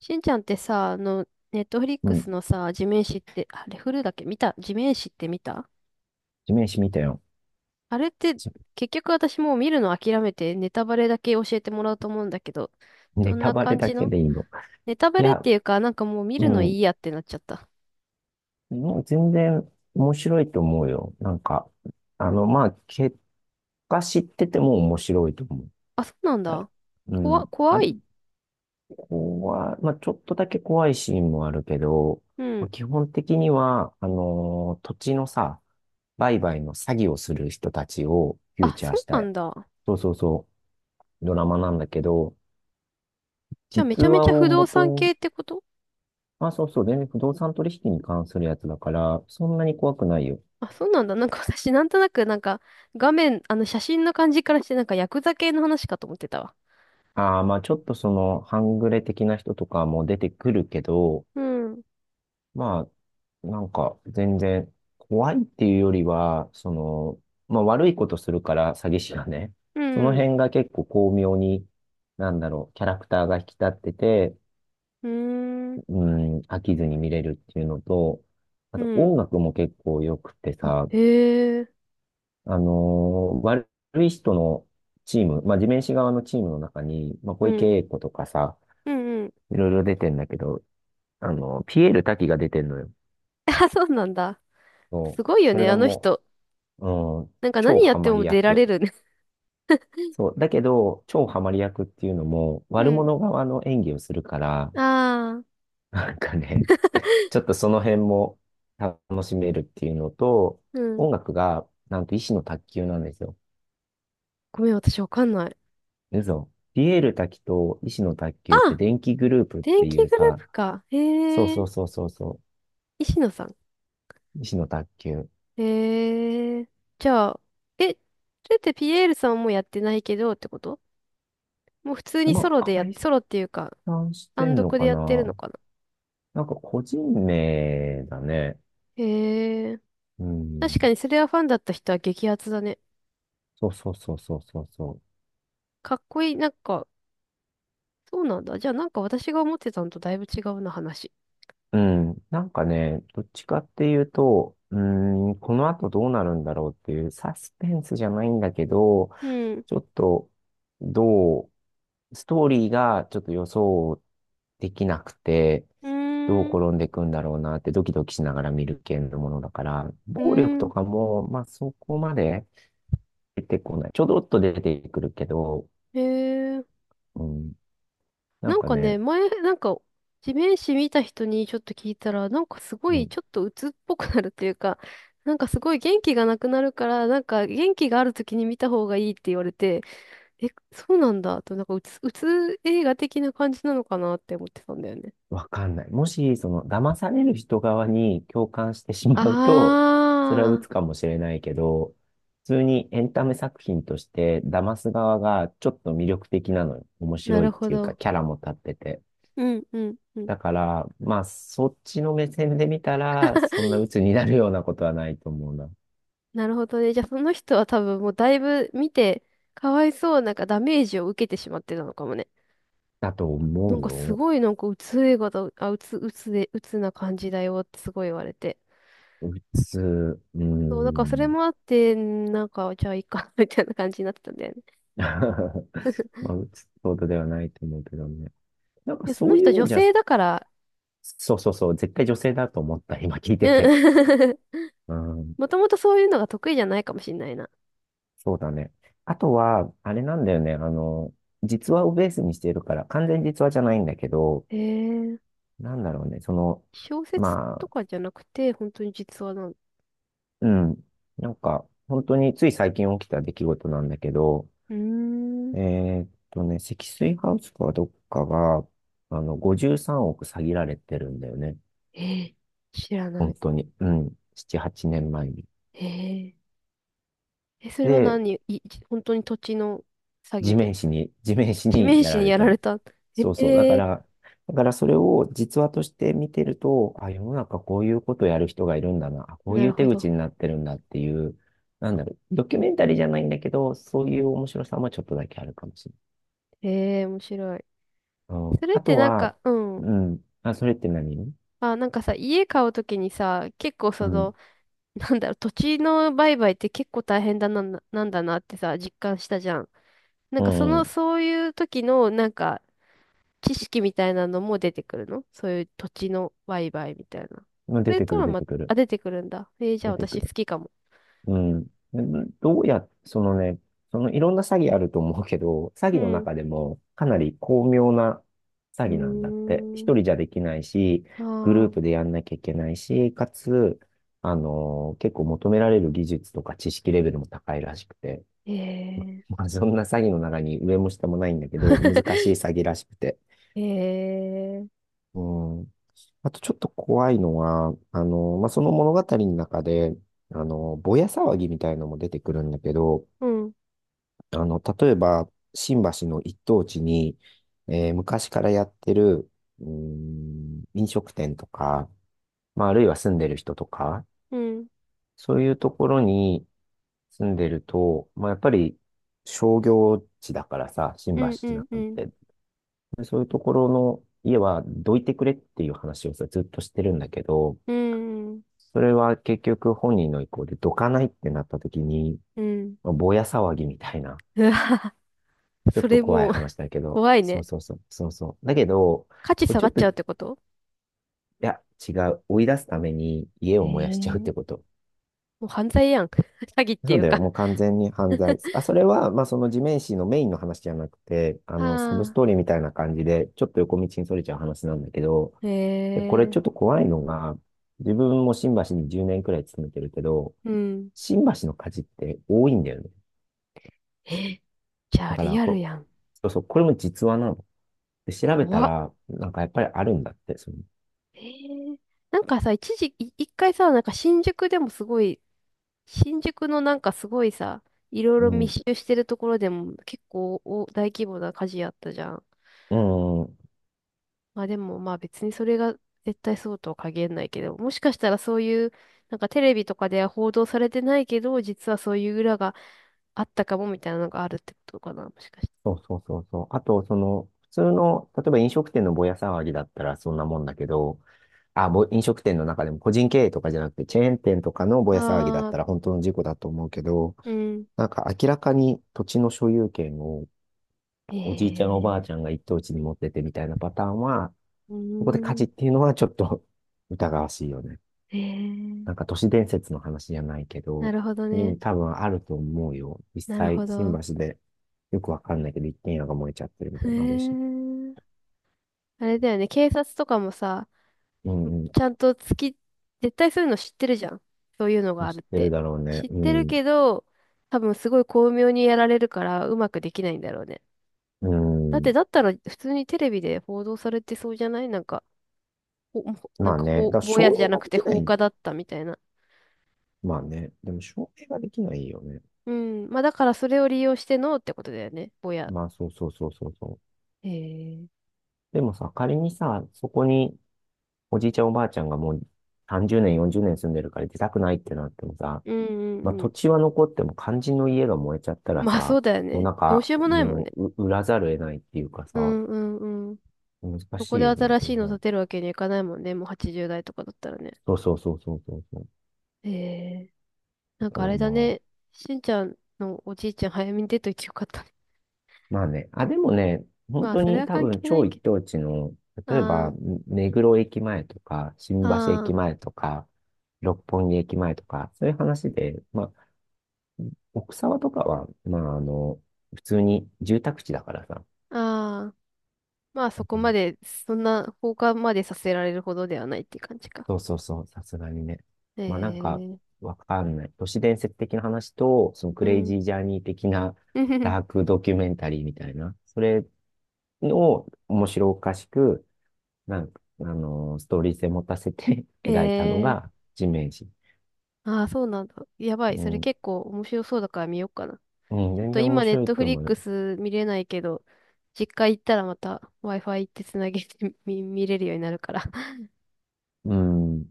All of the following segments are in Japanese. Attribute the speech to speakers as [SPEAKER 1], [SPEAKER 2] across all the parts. [SPEAKER 1] しんちゃんってさ、ネットフリッ
[SPEAKER 2] う
[SPEAKER 1] クス
[SPEAKER 2] ん。
[SPEAKER 1] のさ、地面師って、あれ、フルだっけ？見た？地面師って見た？
[SPEAKER 2] 地面師見たよ。
[SPEAKER 1] あれって、
[SPEAKER 2] じ
[SPEAKER 1] 結局私もう見るの諦めて、ネタバレだけ教えてもらおうと思うんだけど、ど
[SPEAKER 2] ネ
[SPEAKER 1] ん
[SPEAKER 2] タ
[SPEAKER 1] な
[SPEAKER 2] バレ
[SPEAKER 1] 感
[SPEAKER 2] だ
[SPEAKER 1] じ
[SPEAKER 2] け
[SPEAKER 1] の？
[SPEAKER 2] でいいの？
[SPEAKER 1] ネタバ
[SPEAKER 2] い
[SPEAKER 1] レっ
[SPEAKER 2] や、
[SPEAKER 1] ていうか、なんかもう見
[SPEAKER 2] う
[SPEAKER 1] るの
[SPEAKER 2] ん。
[SPEAKER 1] いいやってなっちゃった。
[SPEAKER 2] もう全然面白いと思うよ。結果知ってても面白いと思う。
[SPEAKER 1] あ、そうなん
[SPEAKER 2] はい。
[SPEAKER 1] だ。
[SPEAKER 2] うん。あ
[SPEAKER 1] 怖
[SPEAKER 2] れ、
[SPEAKER 1] い。
[SPEAKER 2] 怖い。まあ、ちょっとだけ怖いシーンもあるけど、
[SPEAKER 1] う
[SPEAKER 2] ま
[SPEAKER 1] ん。
[SPEAKER 2] あ基本的には、土地のさ、売買の詐欺をする人たちをフュー
[SPEAKER 1] あ、
[SPEAKER 2] チャー
[SPEAKER 1] そ
[SPEAKER 2] し
[SPEAKER 1] うな
[SPEAKER 2] た、
[SPEAKER 1] んだ。
[SPEAKER 2] そうそうそう、ドラマなんだけど、
[SPEAKER 1] じゃあめ
[SPEAKER 2] 実
[SPEAKER 1] ちゃめ
[SPEAKER 2] 話
[SPEAKER 1] ちゃ
[SPEAKER 2] を
[SPEAKER 1] 不動産系
[SPEAKER 2] 元
[SPEAKER 1] ってこと？
[SPEAKER 2] まあ、そうそう。全然不動産取引に関するやつだから、そんなに怖くないよ。
[SPEAKER 1] あ、そうなんだ。なんか私、なんとなく、なんか、画面、写真の感じからして、なんか、ヤクザ系の話かと思ってたわ。
[SPEAKER 2] ああ、まあちょっとその、半グレ的な人とかも出てくるけど、
[SPEAKER 1] うん。
[SPEAKER 2] まあ、なんか全然怖いっていうよりは、その、まあ悪いことするから詐欺師がね、
[SPEAKER 1] う
[SPEAKER 2] その
[SPEAKER 1] ん。
[SPEAKER 2] 辺が結構巧妙に、なんだろう、キャラクターが引き立ってて、
[SPEAKER 1] うーん、
[SPEAKER 2] うん、飽きずに見れるっていうのと、あ
[SPEAKER 1] う
[SPEAKER 2] と
[SPEAKER 1] ん、
[SPEAKER 2] 音楽も結構良くて
[SPEAKER 1] あ、
[SPEAKER 2] さ、
[SPEAKER 1] へえ。
[SPEAKER 2] 悪い人のチーム、まあ、地面師側のチームの中に、まあ、小
[SPEAKER 1] う
[SPEAKER 2] 池
[SPEAKER 1] ん、
[SPEAKER 2] 栄子とかさ、
[SPEAKER 1] うん、うん。
[SPEAKER 2] いろいろ出てんだけど、あの、ピエール瀧が出てんのよ。
[SPEAKER 1] あ、そうなんだ。
[SPEAKER 2] そ
[SPEAKER 1] す
[SPEAKER 2] う。
[SPEAKER 1] ごいよ
[SPEAKER 2] それ
[SPEAKER 1] ね、
[SPEAKER 2] が
[SPEAKER 1] あの
[SPEAKER 2] も
[SPEAKER 1] 人。
[SPEAKER 2] う、うん、
[SPEAKER 1] なんか
[SPEAKER 2] 超
[SPEAKER 1] 何やっ
[SPEAKER 2] ハ
[SPEAKER 1] て
[SPEAKER 2] マ
[SPEAKER 1] も
[SPEAKER 2] り
[SPEAKER 1] 出ら
[SPEAKER 2] 役。
[SPEAKER 1] れるね。
[SPEAKER 2] そう。だけど、超ハマり役っていうのも、
[SPEAKER 1] う
[SPEAKER 2] 悪
[SPEAKER 1] ん。
[SPEAKER 2] 者側の演技をするから、
[SPEAKER 1] ああ、
[SPEAKER 2] なんかね、ちょっとその辺も楽しめるっていうのと、
[SPEAKER 1] うん。
[SPEAKER 2] 音楽が、なんと、医師の卓球なんですよ。
[SPEAKER 1] ごめん、私わかんない。
[SPEAKER 2] 嘘。ピエール瀧と石野卓球って
[SPEAKER 1] あ、
[SPEAKER 2] 電気グループっ
[SPEAKER 1] 電
[SPEAKER 2] てい
[SPEAKER 1] 気
[SPEAKER 2] う
[SPEAKER 1] グルー
[SPEAKER 2] さ、
[SPEAKER 1] プか。
[SPEAKER 2] そう
[SPEAKER 1] へえ、
[SPEAKER 2] そうそうそうそ
[SPEAKER 1] 石野さん。
[SPEAKER 2] う、石野卓球。
[SPEAKER 1] へえ、じゃあ、え、それってピエールさんもやってないけどってこと？もう普通に
[SPEAKER 2] まあ、解
[SPEAKER 1] ソロっていうか、
[SPEAKER 2] 散して
[SPEAKER 1] 単
[SPEAKER 2] んの
[SPEAKER 1] 独で
[SPEAKER 2] か
[SPEAKER 1] やってるの
[SPEAKER 2] な。
[SPEAKER 1] かな。
[SPEAKER 2] なんか個人名だね。
[SPEAKER 1] へえ、
[SPEAKER 2] う
[SPEAKER 1] 確
[SPEAKER 2] ん。
[SPEAKER 1] かにそれはファンだった人は激アツだね。
[SPEAKER 2] そうそうそうそうそうそ
[SPEAKER 1] かっこいい、なんか、そうなんだ。じゃあなんか私が思ってたのとだいぶ違うな、話。
[SPEAKER 2] う。うん。なんかね、どっちかっていうと、うーん、この後どうなるんだろうっていうサスペンスじゃないんだけど、
[SPEAKER 1] うん。う
[SPEAKER 2] ちょっとどうストーリーがちょっと予想できなくて、どう
[SPEAKER 1] ーん。
[SPEAKER 2] 転んでいくんだろうなってドキドキしながら見る系のものだから、
[SPEAKER 1] う
[SPEAKER 2] 暴力
[SPEAKER 1] ー
[SPEAKER 2] とか
[SPEAKER 1] ん。
[SPEAKER 2] も、まあそこまで出てこない。ちょどっと出てくるけど、
[SPEAKER 1] へえ。
[SPEAKER 2] うん、な
[SPEAKER 1] な
[SPEAKER 2] ん
[SPEAKER 1] ん
[SPEAKER 2] か
[SPEAKER 1] かね、
[SPEAKER 2] ね、
[SPEAKER 1] 前、なんか、地面師見た人にちょっと聞いたら、なんかすご
[SPEAKER 2] う
[SPEAKER 1] い
[SPEAKER 2] ん、
[SPEAKER 1] ちょっと鬱っぽくなるというか、なんかすごい元気がなくなるから、なんか元気がある時に見た方がいいって言われて、え、そうなんだと、なんか鬱映画的な感じなのかなって思ってたんだよね。
[SPEAKER 2] わかんない。もし、その、騙される人側に共感してしまうと、それは
[SPEAKER 1] あ
[SPEAKER 2] 鬱かもしれないけど、普通にエンタメ作品として、騙す側がちょっと魅力的なのよ。面
[SPEAKER 1] ー、な
[SPEAKER 2] 白い
[SPEAKER 1] る
[SPEAKER 2] っ
[SPEAKER 1] ほ
[SPEAKER 2] ていうか、
[SPEAKER 1] ど。
[SPEAKER 2] キャラも立ってて。
[SPEAKER 1] うん、うん、うん。
[SPEAKER 2] だから、まあ、そっちの目線で見たら、そんな鬱になるようなことはないと思うな。
[SPEAKER 1] なるほどね。じゃあその人は多分もうだいぶ見て、かわいそうなんかダメージを受けてしまってたのかもね。
[SPEAKER 2] だと思
[SPEAKER 1] なん
[SPEAKER 2] う
[SPEAKER 1] かす
[SPEAKER 2] よ。
[SPEAKER 1] ごいなんかうつえがだ、あ、うつな感じだよってすごい言われて。
[SPEAKER 2] 鬱、うー
[SPEAKER 1] そう、だからそれ
[SPEAKER 2] ん。
[SPEAKER 1] もあって、んなんかじゃあいいか みたいな感じになってたんだよね。
[SPEAKER 2] まあ、鬱ってことではないと思うけどね。なんか
[SPEAKER 1] いや、そ
[SPEAKER 2] そ
[SPEAKER 1] の
[SPEAKER 2] うい
[SPEAKER 1] 人
[SPEAKER 2] う意
[SPEAKER 1] 女
[SPEAKER 2] 味じゃ、
[SPEAKER 1] 性だから、
[SPEAKER 2] そうそうそう、絶対女性だと思った、今聞いてて。
[SPEAKER 1] うん
[SPEAKER 2] うん、
[SPEAKER 1] もともとそういうのが得意じゃないかもしんないな。
[SPEAKER 2] そうだね。あとは、あれなんだよね、あの、実話をベースにしてるから、完全に実話じゃないんだけど、
[SPEAKER 1] へえ、
[SPEAKER 2] なんだろうね、その、
[SPEAKER 1] 小説と
[SPEAKER 2] ま
[SPEAKER 1] かじゃなくて、本当に実話なの？
[SPEAKER 2] うん。なんか、本当につい最近起きた出来事なんだけど、
[SPEAKER 1] うーん、
[SPEAKER 2] えね、積水ハウスかどっかが、あの、53億詐欺られてるんだよね。
[SPEAKER 1] えー、知らな
[SPEAKER 2] 本
[SPEAKER 1] い。
[SPEAKER 2] 当に。うん。7、8年前に。
[SPEAKER 1] へえ。え、それは
[SPEAKER 2] で、
[SPEAKER 1] 何い、い本当に土地の詐
[SPEAKER 2] 地
[SPEAKER 1] 欺で？
[SPEAKER 2] 面師に、地面師
[SPEAKER 1] 地
[SPEAKER 2] に
[SPEAKER 1] 面
[SPEAKER 2] や
[SPEAKER 1] 師
[SPEAKER 2] ら
[SPEAKER 1] に
[SPEAKER 2] れ
[SPEAKER 1] や
[SPEAKER 2] た
[SPEAKER 1] ら
[SPEAKER 2] の。
[SPEAKER 1] れた。え、
[SPEAKER 2] そうそう。だか
[SPEAKER 1] え
[SPEAKER 2] ら、だからそれを実話として見てると、あ、世の中こういうことやる人がいるんだな。あこ
[SPEAKER 1] ー、
[SPEAKER 2] う
[SPEAKER 1] な
[SPEAKER 2] い
[SPEAKER 1] る
[SPEAKER 2] う手
[SPEAKER 1] ほ
[SPEAKER 2] 口
[SPEAKER 1] ど。
[SPEAKER 2] になってるんだっていう、なんだろう、ドキュメンタリーじゃないんだけど、そういう面白さもちょっとだけあるかもしれない。
[SPEAKER 1] ええー、面白い。
[SPEAKER 2] うん、
[SPEAKER 1] それっ
[SPEAKER 2] あ
[SPEAKER 1] て
[SPEAKER 2] と
[SPEAKER 1] なん
[SPEAKER 2] は、
[SPEAKER 1] か、うん。
[SPEAKER 2] うん。あ、それって何
[SPEAKER 1] あ、なんかさ、家買うときにさ、結構
[SPEAKER 2] う
[SPEAKER 1] その、
[SPEAKER 2] ん。
[SPEAKER 1] なんだろう、土地の売買って結構大変だな、なんだなってさ、実感したじゃん。なん
[SPEAKER 2] う
[SPEAKER 1] かその、
[SPEAKER 2] ん。
[SPEAKER 1] そういう時の、なんか、知識みたいなのも出てくるの？そういう土地の売買みたいな。
[SPEAKER 2] うん
[SPEAKER 1] そ
[SPEAKER 2] 出
[SPEAKER 1] れ
[SPEAKER 2] て
[SPEAKER 1] と
[SPEAKER 2] くる、
[SPEAKER 1] は
[SPEAKER 2] 出
[SPEAKER 1] ま、
[SPEAKER 2] てくる。
[SPEAKER 1] あ、出てくるんだ。えー、じゃあ
[SPEAKER 2] 出てく
[SPEAKER 1] 私好
[SPEAKER 2] る。
[SPEAKER 1] きかも。
[SPEAKER 2] うん。うんどうや、そのね、そのいろんな詐欺あると思うけど、詐
[SPEAKER 1] う
[SPEAKER 2] 欺の
[SPEAKER 1] ん。う
[SPEAKER 2] 中でもかなり巧妙な詐
[SPEAKER 1] ー
[SPEAKER 2] 欺なんだって。一
[SPEAKER 1] ん。
[SPEAKER 2] 人じゃできないし、
[SPEAKER 1] あ
[SPEAKER 2] グループで
[SPEAKER 1] あ、
[SPEAKER 2] やんなきゃいけないし、かつ、結構求められる技術とか知識レベルも高いらしくて、
[SPEAKER 1] え
[SPEAKER 2] まあ、そんな詐欺の中に上も下もないんだけど、難し
[SPEAKER 1] え
[SPEAKER 2] い
[SPEAKER 1] え
[SPEAKER 2] 詐欺らしくて。
[SPEAKER 1] え、
[SPEAKER 2] うん。あとちょっと怖いのは、あの、まあ、その物語の中で、あの、ぼや騒ぎみたいのも出てくるんだけど、
[SPEAKER 1] うん、
[SPEAKER 2] あの、例えば、新橋の一等地に、昔からやってる、うーん、飲食店とか、まあ、あるいは住んでる人とか、
[SPEAKER 1] うん、
[SPEAKER 2] そういうところに住んでると、まあ、やっぱり商業地だからさ、新
[SPEAKER 1] うん、う
[SPEAKER 2] 橋な
[SPEAKER 1] ん、う
[SPEAKER 2] ん
[SPEAKER 1] ん、
[SPEAKER 2] て、でそういうところの家はどいてくれっていう話をさ、ずっとしてるんだけど、
[SPEAKER 1] うん、
[SPEAKER 2] それは結局本人の意向でどかないってなった時に、
[SPEAKER 1] うん。
[SPEAKER 2] まあぼや騒ぎみたいな、
[SPEAKER 1] う わ、
[SPEAKER 2] ちょっ
[SPEAKER 1] そ
[SPEAKER 2] と
[SPEAKER 1] れ
[SPEAKER 2] 怖い
[SPEAKER 1] もう
[SPEAKER 2] 話だけ ど、
[SPEAKER 1] 怖い
[SPEAKER 2] そう
[SPEAKER 1] ね。
[SPEAKER 2] そうそう、そうそう。だけど、
[SPEAKER 1] 価値
[SPEAKER 2] これ
[SPEAKER 1] 下
[SPEAKER 2] ち
[SPEAKER 1] が
[SPEAKER 2] ょっ
[SPEAKER 1] っ
[SPEAKER 2] と、
[SPEAKER 1] ちゃうっ
[SPEAKER 2] い
[SPEAKER 1] てこと？
[SPEAKER 2] や、違う。追い出すために家
[SPEAKER 1] え
[SPEAKER 2] を燃やし
[SPEAKER 1] え、
[SPEAKER 2] ちゃうって
[SPEAKER 1] も
[SPEAKER 2] こと。
[SPEAKER 1] う犯罪やん。詐欺って
[SPEAKER 2] そ
[SPEAKER 1] い
[SPEAKER 2] う
[SPEAKER 1] う
[SPEAKER 2] だよ。
[SPEAKER 1] か。
[SPEAKER 2] も う完全に犯罪。あ、それは、まあ、その地面師のメインの話じゃなくて、あ
[SPEAKER 1] あ
[SPEAKER 2] の、サブス
[SPEAKER 1] あ、
[SPEAKER 2] トーリーみたいな感じで、ちょっと横道にそれちゃう話なんだけど、で、これち
[SPEAKER 1] え
[SPEAKER 2] ょっと
[SPEAKER 1] え、
[SPEAKER 2] 怖いのが、自分も新橋に10年くらい勤めてるけど、
[SPEAKER 1] うん。
[SPEAKER 2] 新橋の火事って多いんだよね。
[SPEAKER 1] え、じゃあ
[SPEAKER 2] だか
[SPEAKER 1] リ
[SPEAKER 2] ら
[SPEAKER 1] アル
[SPEAKER 2] こ、
[SPEAKER 1] やん。
[SPEAKER 2] そうそう、これも実話なの。で、調べた
[SPEAKER 1] 怖っ。
[SPEAKER 2] ら、なんかやっぱりあるんだって、その、
[SPEAKER 1] ええ、なんかさ、一時、い一回さ、なんか新宿でもすごい新宿のなんかすごいさ、いろいろ
[SPEAKER 2] う
[SPEAKER 1] 密集してるところでも結構お大規模な火事やったじゃん。
[SPEAKER 2] ん、うん、
[SPEAKER 1] まあでもまあ別にそれが絶対そうとは限らないけど、もしかしたらそういう、なんかテレビとかでは報道されてないけど、実はそういう裏があったかもみたいなのがあるってことかな、もしかして。
[SPEAKER 2] そうそうそうそう。あと、その、普通の、例えば飲食店のぼや騒ぎだったらそんなもんだけど、飲食店の中でも個人経営とかじゃなくて、チェーン店とかのぼや騒ぎだっ
[SPEAKER 1] ああ、
[SPEAKER 2] たら本当の事故だと思うけど、
[SPEAKER 1] うん。
[SPEAKER 2] なんか明らかに土地の所有権をおじいちゃんおばあ
[SPEAKER 1] え
[SPEAKER 2] ちゃん
[SPEAKER 1] え、
[SPEAKER 2] が一等地に持っててみたいなパターンは、
[SPEAKER 1] う
[SPEAKER 2] そこで火
[SPEAKER 1] ー
[SPEAKER 2] 事
[SPEAKER 1] ん。
[SPEAKER 2] っていうのはちょっと 疑わしいよね。
[SPEAKER 1] え
[SPEAKER 2] な
[SPEAKER 1] え、
[SPEAKER 2] んか都市伝説の話じゃないけ
[SPEAKER 1] な
[SPEAKER 2] ど、
[SPEAKER 1] るほど
[SPEAKER 2] で
[SPEAKER 1] ね。
[SPEAKER 2] も多分あると思うよ。実
[SPEAKER 1] なる
[SPEAKER 2] 際、
[SPEAKER 1] ほ
[SPEAKER 2] 新
[SPEAKER 1] ど。
[SPEAKER 2] 橋でよくわかんないけど、一軒家が燃えちゃってるみ
[SPEAKER 1] へ
[SPEAKER 2] たいなのあるし。
[SPEAKER 1] え。あれだよね、警察とかもさ、
[SPEAKER 2] うんうん。
[SPEAKER 1] ちゃんと月、絶対そういうの知ってるじゃん。そういうのが
[SPEAKER 2] まあ、
[SPEAKER 1] あ
[SPEAKER 2] 知
[SPEAKER 1] るっ
[SPEAKER 2] ってる
[SPEAKER 1] て。
[SPEAKER 2] だろうね。
[SPEAKER 1] 知っ
[SPEAKER 2] う
[SPEAKER 1] てる
[SPEAKER 2] ん。
[SPEAKER 1] けど、多分すごい巧妙にやられるから、うまくできないんだろうね。
[SPEAKER 2] う
[SPEAKER 1] だって、
[SPEAKER 2] ん。
[SPEAKER 1] だったら普通にテレビで報道されてそうじゃない？なんか、ほ、ほな
[SPEAKER 2] ま
[SPEAKER 1] ん
[SPEAKER 2] あ
[SPEAKER 1] か
[SPEAKER 2] ね。だ
[SPEAKER 1] ほ、
[SPEAKER 2] から
[SPEAKER 1] ぼや
[SPEAKER 2] 証
[SPEAKER 1] じゃ
[SPEAKER 2] 明
[SPEAKER 1] な
[SPEAKER 2] が
[SPEAKER 1] く
[SPEAKER 2] で
[SPEAKER 1] て
[SPEAKER 2] きな
[SPEAKER 1] 放
[SPEAKER 2] い。
[SPEAKER 1] 火だったみたいな。
[SPEAKER 2] まあね。でも証明ができないよね。
[SPEAKER 1] うん。まあ、だからそれを利用してのってことだよね。ぼや。
[SPEAKER 2] まあそうそうそうそうそう。
[SPEAKER 1] へえ。
[SPEAKER 2] でもさ、仮にさ、そこにおじいちゃんおばあちゃんがもう30年、40年住んでるから出たくないってなってもさ、
[SPEAKER 1] うん、う
[SPEAKER 2] まあ、
[SPEAKER 1] ん、う
[SPEAKER 2] 土
[SPEAKER 1] ん。
[SPEAKER 2] 地は残っても肝心の家が燃えちゃったら
[SPEAKER 1] まあそ
[SPEAKER 2] さ、
[SPEAKER 1] うだよ
[SPEAKER 2] もう
[SPEAKER 1] ね。
[SPEAKER 2] なん
[SPEAKER 1] どうし
[SPEAKER 2] か、
[SPEAKER 1] ようもないもん
[SPEAKER 2] も
[SPEAKER 1] ね。
[SPEAKER 2] う、う売らざるを得ないっていうか
[SPEAKER 1] う
[SPEAKER 2] さ、
[SPEAKER 1] ん、うん、うん。
[SPEAKER 2] 難
[SPEAKER 1] そこ
[SPEAKER 2] しい
[SPEAKER 1] で
[SPEAKER 2] よね、
[SPEAKER 1] 新
[SPEAKER 2] そ
[SPEAKER 1] しい
[SPEAKER 2] の
[SPEAKER 1] の
[SPEAKER 2] 辺。
[SPEAKER 1] 建てるわけにはいかないもんね。もう80代とかだったらね。
[SPEAKER 2] そうそうそうそうそうそう。
[SPEAKER 1] へえ。
[SPEAKER 2] だ
[SPEAKER 1] なん
[SPEAKER 2] か
[SPEAKER 1] かあ
[SPEAKER 2] ら
[SPEAKER 1] れだ
[SPEAKER 2] まあ、
[SPEAKER 1] ね。しんちゃんのおじいちゃん早めに出といてよかったね。
[SPEAKER 2] まあね、あ、でもね、本
[SPEAKER 1] まあ、
[SPEAKER 2] 当
[SPEAKER 1] それ
[SPEAKER 2] に
[SPEAKER 1] は
[SPEAKER 2] 多
[SPEAKER 1] 関
[SPEAKER 2] 分
[SPEAKER 1] 係な
[SPEAKER 2] 超
[SPEAKER 1] い
[SPEAKER 2] 一
[SPEAKER 1] け
[SPEAKER 2] 等地の、
[SPEAKER 1] ど。
[SPEAKER 2] 例えば、
[SPEAKER 1] あ
[SPEAKER 2] 目黒駅前とか、新橋
[SPEAKER 1] あ、
[SPEAKER 2] 駅
[SPEAKER 1] あ
[SPEAKER 2] 前とか、六本木駅前とか、そういう話で、まあ、奥沢とかは、まあ、あの、普通に住宅地だからさ。
[SPEAKER 1] あ、ああ。まあ、そこ
[SPEAKER 2] う
[SPEAKER 1] ま
[SPEAKER 2] ん、
[SPEAKER 1] で、そんな放火までさせられるほどではないっていう感じか。
[SPEAKER 2] そうそうそう、さすがにね。
[SPEAKER 1] え
[SPEAKER 2] まあ、なんか、
[SPEAKER 1] え、
[SPEAKER 2] わかんない。都市伝説的な話と、そのク
[SPEAKER 1] う
[SPEAKER 2] レイ
[SPEAKER 1] ん。
[SPEAKER 2] ジージャーニー的な ダークドキュメンタリーみたいな、それを面白おかしく、なんか、あの、ストーリー性持たせて
[SPEAKER 1] え
[SPEAKER 2] 描いたのが
[SPEAKER 1] え、
[SPEAKER 2] 地面師。
[SPEAKER 1] ああ、そうなんだ。やばい。
[SPEAKER 2] う
[SPEAKER 1] それ
[SPEAKER 2] ん、
[SPEAKER 1] 結構面白そうだから見ようかな。
[SPEAKER 2] うん、
[SPEAKER 1] ちょっ
[SPEAKER 2] 全
[SPEAKER 1] と
[SPEAKER 2] 然面
[SPEAKER 1] 今、ネッ
[SPEAKER 2] 白い
[SPEAKER 1] トフ
[SPEAKER 2] と
[SPEAKER 1] リ
[SPEAKER 2] 思
[SPEAKER 1] ッ
[SPEAKER 2] う。
[SPEAKER 1] クス見れないけど、実家行ったらまた Wi-Fi 行ってつなげて 見れるようになるから。
[SPEAKER 2] うん。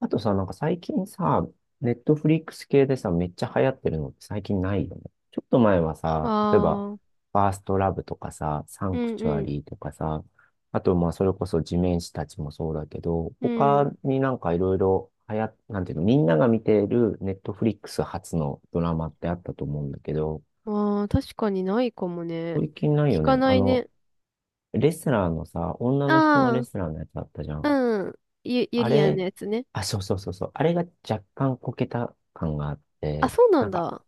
[SPEAKER 2] あとさ、なんか最近さ、ネットフリックス系でさ、めっちゃ流行ってるのって最近ないよね。ちょっと前は
[SPEAKER 1] あ
[SPEAKER 2] さ、例えば、
[SPEAKER 1] あ、うん、
[SPEAKER 2] ファーストラブとかさ、サ
[SPEAKER 1] う
[SPEAKER 2] ンクチュア
[SPEAKER 1] ん、
[SPEAKER 2] リーとかさ、あとまあそれこそ地面師たちもそうだけど、
[SPEAKER 1] うん。
[SPEAKER 2] 他になんかいろいろ流行っ、なんていうの、みんなが見ているネットフリックス初のドラマってあったと思うんだけど、
[SPEAKER 1] ああ、確かにないかもね。
[SPEAKER 2] 最近ない
[SPEAKER 1] 聞
[SPEAKER 2] よ
[SPEAKER 1] か
[SPEAKER 2] ね。
[SPEAKER 1] な
[SPEAKER 2] あ
[SPEAKER 1] い
[SPEAKER 2] の、
[SPEAKER 1] ね。
[SPEAKER 2] レスラーのさ、女の人のレ
[SPEAKER 1] あ
[SPEAKER 2] スラーのやつあったじゃ
[SPEAKER 1] あ、
[SPEAKER 2] ん。
[SPEAKER 1] うん。ゆ
[SPEAKER 2] あ
[SPEAKER 1] りやんの
[SPEAKER 2] れ、
[SPEAKER 1] やつね。
[SPEAKER 2] あ、そうそうそうそう。あれが若干こけた感があっ
[SPEAKER 1] あ、
[SPEAKER 2] て、
[SPEAKER 1] そうな
[SPEAKER 2] な
[SPEAKER 1] ん
[SPEAKER 2] んか
[SPEAKER 1] だ。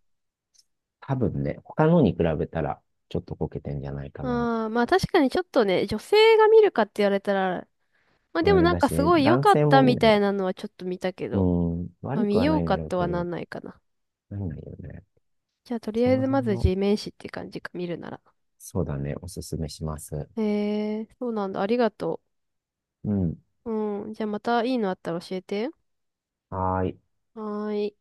[SPEAKER 2] 多分ね、他のに比べたらちょっとこけてんじゃないかな。
[SPEAKER 1] ああ、まあ確かにちょっとね、女性が見るかって言われたら、まあで
[SPEAKER 2] あ
[SPEAKER 1] も
[SPEAKER 2] れ
[SPEAKER 1] なん
[SPEAKER 2] だ
[SPEAKER 1] か
[SPEAKER 2] し、
[SPEAKER 1] すごい良
[SPEAKER 2] 男
[SPEAKER 1] かっ
[SPEAKER 2] 性も
[SPEAKER 1] た
[SPEAKER 2] 見
[SPEAKER 1] み
[SPEAKER 2] な
[SPEAKER 1] たい
[SPEAKER 2] い。
[SPEAKER 1] なのはちょっと見たけ
[SPEAKER 2] う
[SPEAKER 1] ど、
[SPEAKER 2] ん、
[SPEAKER 1] まあ
[SPEAKER 2] 悪く
[SPEAKER 1] 見
[SPEAKER 2] は
[SPEAKER 1] よ
[SPEAKER 2] な
[SPEAKER 1] う
[SPEAKER 2] いんだ
[SPEAKER 1] か
[SPEAKER 2] ろう
[SPEAKER 1] と
[SPEAKER 2] け
[SPEAKER 1] はな
[SPEAKER 2] ど、
[SPEAKER 1] んないかな。
[SPEAKER 2] なんないよね。
[SPEAKER 1] じゃあとり
[SPEAKER 2] そ
[SPEAKER 1] あえ
[SPEAKER 2] の
[SPEAKER 1] ず
[SPEAKER 2] 辺
[SPEAKER 1] まず
[SPEAKER 2] も、
[SPEAKER 1] G 面誌って感じか、見るなら。
[SPEAKER 2] そうだね、おすすめします。
[SPEAKER 1] へえ、そうなんだ。ありがと
[SPEAKER 2] うん。
[SPEAKER 1] う。うん。じゃあまたいいのあったら教えて。
[SPEAKER 2] はーい。
[SPEAKER 1] はーい。